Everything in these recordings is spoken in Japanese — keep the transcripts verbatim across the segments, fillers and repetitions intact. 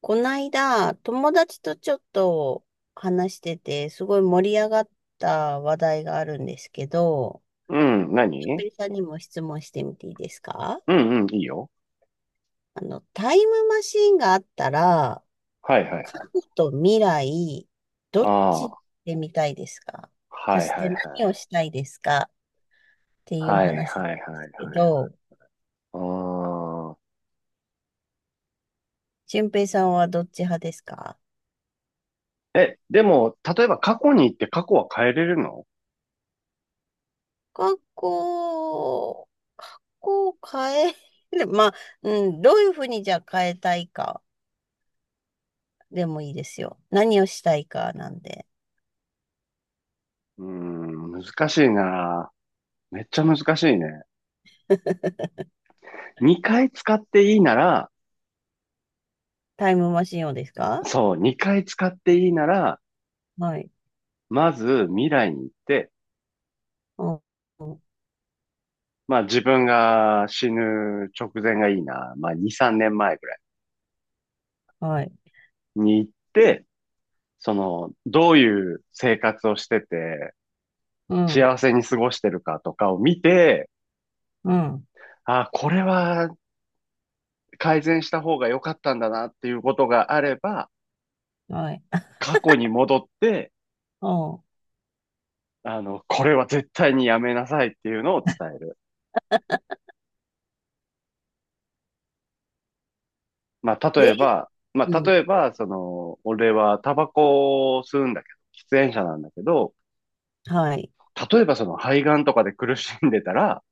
こないだ、友達とちょっと話してて、すごい盛り上がった話題があるんですけど、うん、しょっぺ何？いさんにも質問してみていいですか？うんうん、いいよ。あの、タイムマシンがあったら、はいはい過はい。去と未来、どっあち行っあ、てみたいですか？そはいしはていはい。何をしたいですかっていうはい話ではいはいすけはいはい。ど、ああ。しゅんぺ平さんはどっち派ですか？え、でも、例えば過去に行って過去は変えれるの？学校、学校を変える、まあ、うん、どういうふうにじゃあ変えたいかでもいいですよ。何をしたいかなんで。うーん、難しいな。めっちゃ難しいね。にかい使っていいなら、タイムマシンをですか？そう、にかい使っていいなら、はい。まず未来に行って、うん、うん。まあ自分が死ぬ直前がいいな。まあに、さんねんまえぐらいはい。に行って、その、どういう生活をしてて、うん、幸せに過ごしてるかとかを見て、うん、あ、これは改善した方が良かったんだなっていうことがあれば、はい。過去に戻って、うん。あの、これは絶対にやめなさいっていうのを伝える。まあ、例で、えば、まうあ、例ん、えば、その、俺はタバコを吸うんだけど、喫煙者なんだけど、はい。例えばその肺がんとかで苦しんでたら、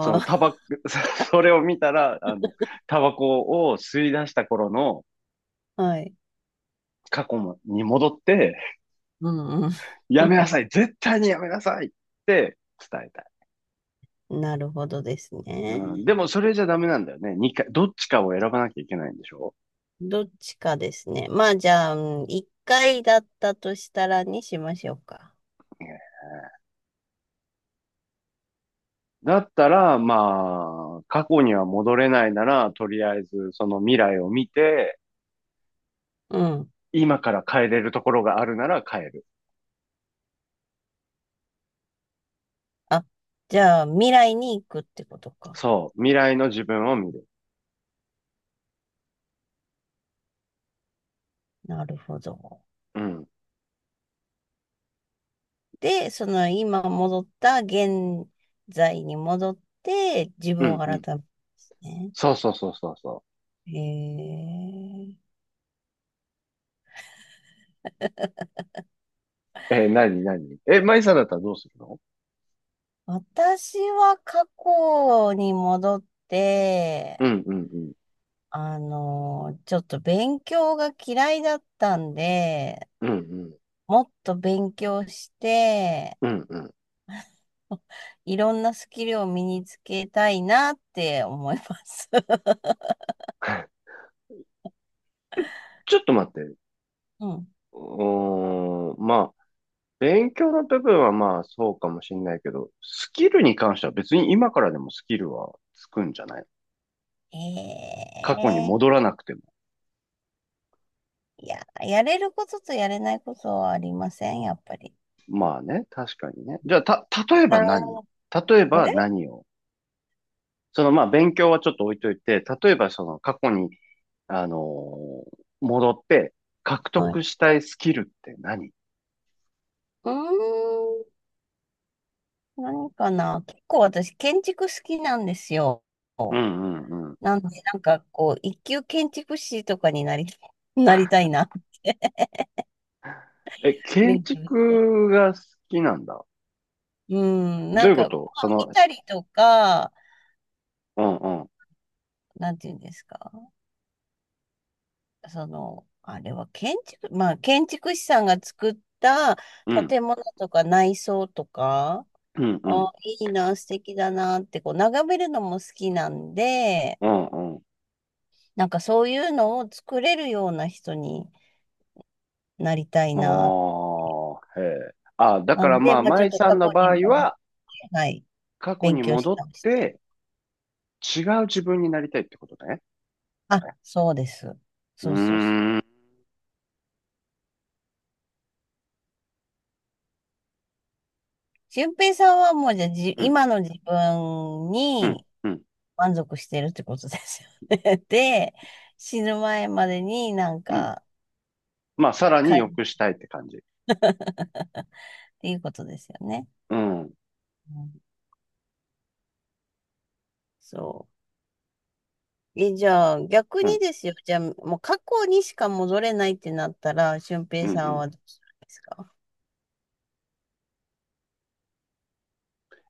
そのタバコ、それを見たら、あの、タバコを吸い出した頃のあ、はい。過去に戻って、うん、うん。やめなさい。絶対にやめなさいって伝えたい。なるほどですうね。ん、でもそれじゃダメなんだよね。にかい、どっちかを選ばなきゃいけないんでしょ、どっちかですね。まあ、じゃあ、うん、いっかいだったとしたらにしましょうか。ね、だったら、まあ、過去には戻れないなら、とりあえずその未来を見て、うん。今から変えれるところがあるなら変える。あ、じゃあ未来に行くってことか。そう。未来の自分を見る。なるほど。うん。で、その今戻った現在に戻って自う分をん、う改ん。めるんですね。そうそうそうそうそへえ。う。えー、なになにえ、マイさんだったらどうするの？私は過去に戻っうて、ん、うん、うん。あの、ちょっと勉強が嫌いだったんで、うん、うん。もっと勉強して、うん、うん。いろんなスキルを身につけたいなって思います。ちょっと待って。ううん。ーん、まあ、勉強の部分はまあそうかもしれないけど、スキルに関しては別に今からでもスキルはつくんじゃない？過去に戻ええ。らなくても。いや、やれることとやれないことはありません、やっぱり。まあね、確かにね。じゃあ、た、例えあば何ー、例えあばれ、何をそのまあ勉強はちょっと置いといて、例えばその過去に、あのー戻って獲は得い。したいスキルって何？うーん、何かな。結構私、建築好きなんですよ。うんうんうん。なんで、なんかこう、一級建築士とかになり、なりたいなって、え、建勉強して。築が好きなんだ。うん、などういんうこか、まとあそ見の、たりとか、うんうん、なんていうんですか。その、あれは建築、まあ、建築士さんが作ったうん、建物とか内装とか、うんうん、あ、いいな、素敵だなって、こう、眺めるのも好きなんで、うんうん。なんかそういうのを作れるような人になりたいな。ああ、へえ。あ、だなかんらで、まあ、まあちょっ舞とさ過んの去に場合戻って、は、はい、過去勉に強し戻ったりしたい。て、違う自分になりたいってことね。あ、そうです。うーそうそうそう。ん、う俊平さんはもうじゃあ、じ、ん、今の自分うん、にうん、満足してるってことですよね。で、死ぬ前までになんうん。か、まあ、さらか に 良くっしたいって感じ。ていうことですよね。うん、うん、うん、そう。え、じゃあ、逆うにん、ですよ。じゃあ、もう過去にしか戻れないってなったら、俊う平さんん。はどうするんですか？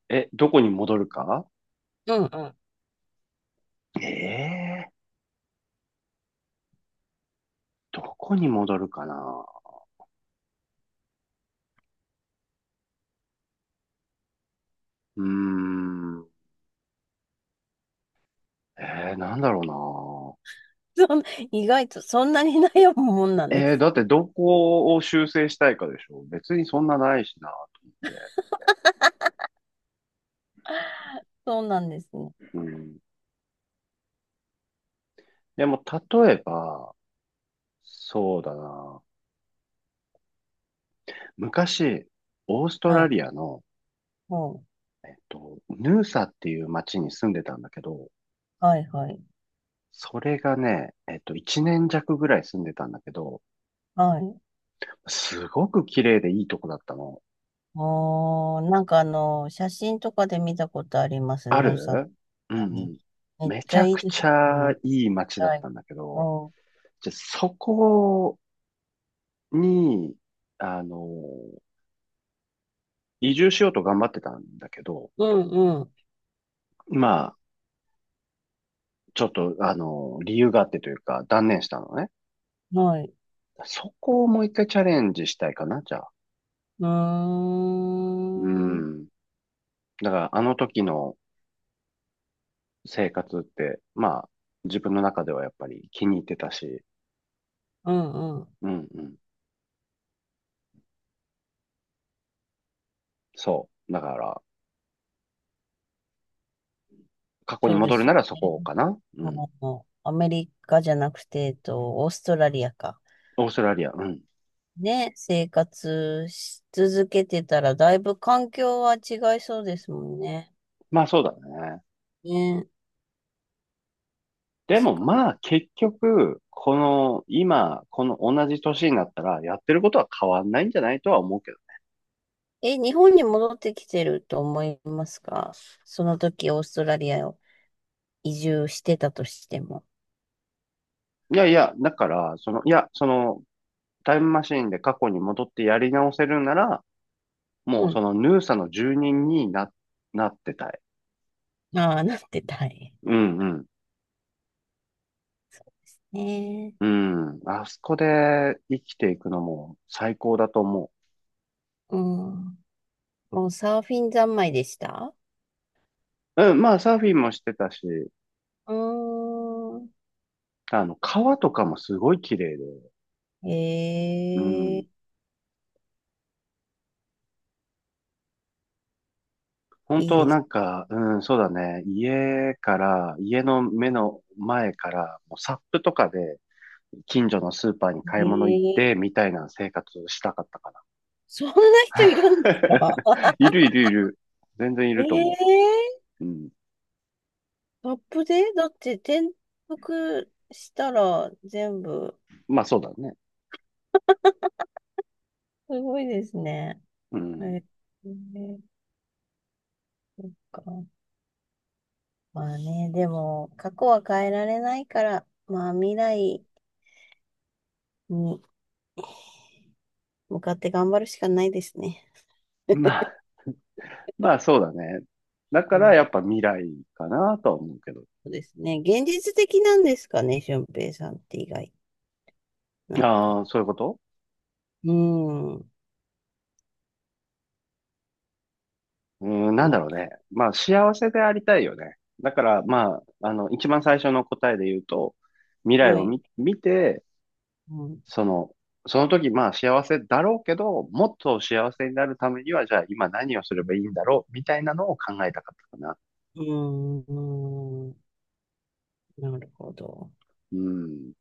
え、どこに戻るか？ うんうん。ええー、どこに戻るかな。うーん。えー、なんだろうそん意外とそんなに悩むもんなんな。でえー、す。だってどこを修正したいかでしょ？別にそんなないしな、と思って。そうなんですね。うん。でも、例えば、そうだな。昔、オーストはラい。リアの、ほう。えっと、ヌーサっていう町に住んでたんだけど、はいはい。それがね、えっと、いちねん弱ぐらい住んでたんだけど、はい。すごく綺麗でいいとこだったの。あー、なんかあの、写真とかで見たことあります。あヌーさんる。うんうに。ん。めっめちちゃゃいいくですちゃね。いい町だっはい。たんだけど、うんじゃ、そこに、あの、移住しようと頑張ってたんだけど、うんうまあ、ちょっと、あの、理由があってというか、断念したのね。ん。はい。そこをもういっかいチャレンジしたいかな、じゃあ。うーうん。うん。だから、あの時の生活って、まあ、自分の中ではやっぱり気に入ってたし、んうん。うんうん。そう。だから、過去にそうで戻るすなよらそね。こかな。うん。もうアメリカじゃなくて、えっと、オーストラリアか。オーストラリア、うん。ね、生活し続けてたら、だいぶ環境は違いそうですもんね。まあそうだね。ね、で確もかに。まあ結局、この今、この同じ年になったらやってることは変わんないんじゃないとは思うけど。え、日本に戻ってきてると思いますか？その時、オーストラリアを移住してたとしても。いやいや、だから、その、いや、その、タイムマシーンで過去に戻ってやり直せるなら、うもうそん。のヌーサの住人にな、なってたい。ああ、なってたい。うんうん。ねえ。うん。あそこで生きていくのも最高だと思うん。もうサーフィン三昧でした？う。うん。まあサーフィンもしてたし、うーん。あの、川とかもすごい綺麗で。えうん。え、本いい当でなすんか、うん、そうだね。家から、家の目の前から、もうサップとかで近所のスーパーに買い物行っね。てみたいな生活したかったかな。そんな人いるんですか？ いるいるいる。全然いえ ると思 えう。うん。ー、アップでだって転覆したら全部、まあそうだね。すごいですね。うえん。ー、ね、そっか。まあね、でも、過去は変えられないから、まあ未来に向かって頑張るしかないですね。まあ、まあそうだね。だかうん、らやっぱ未来かなとは思うけど。そうですね。現実的なんですかね、俊平さんって意外。なんあか。あ、そういうこと？うん。うーん、なんだろうなね。まあ幸せでありたいよね。だからまあ、あの、一番最初の答えで言うと、未来はをい。見、見て、うん。その、その、時まあ幸せだろうけど、もっと幸せになるためには、じゃあ今何をすればいいんだろうみたいなのを考えたかったかな。うん。うん、なるほど。うん。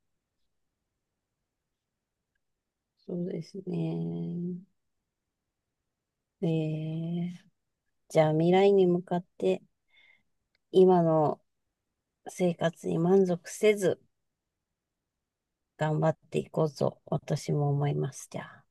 そうですね。えー、じゃあ未来に向かって今の生活に満足せず頑張っていこうと私も思います。じゃあ。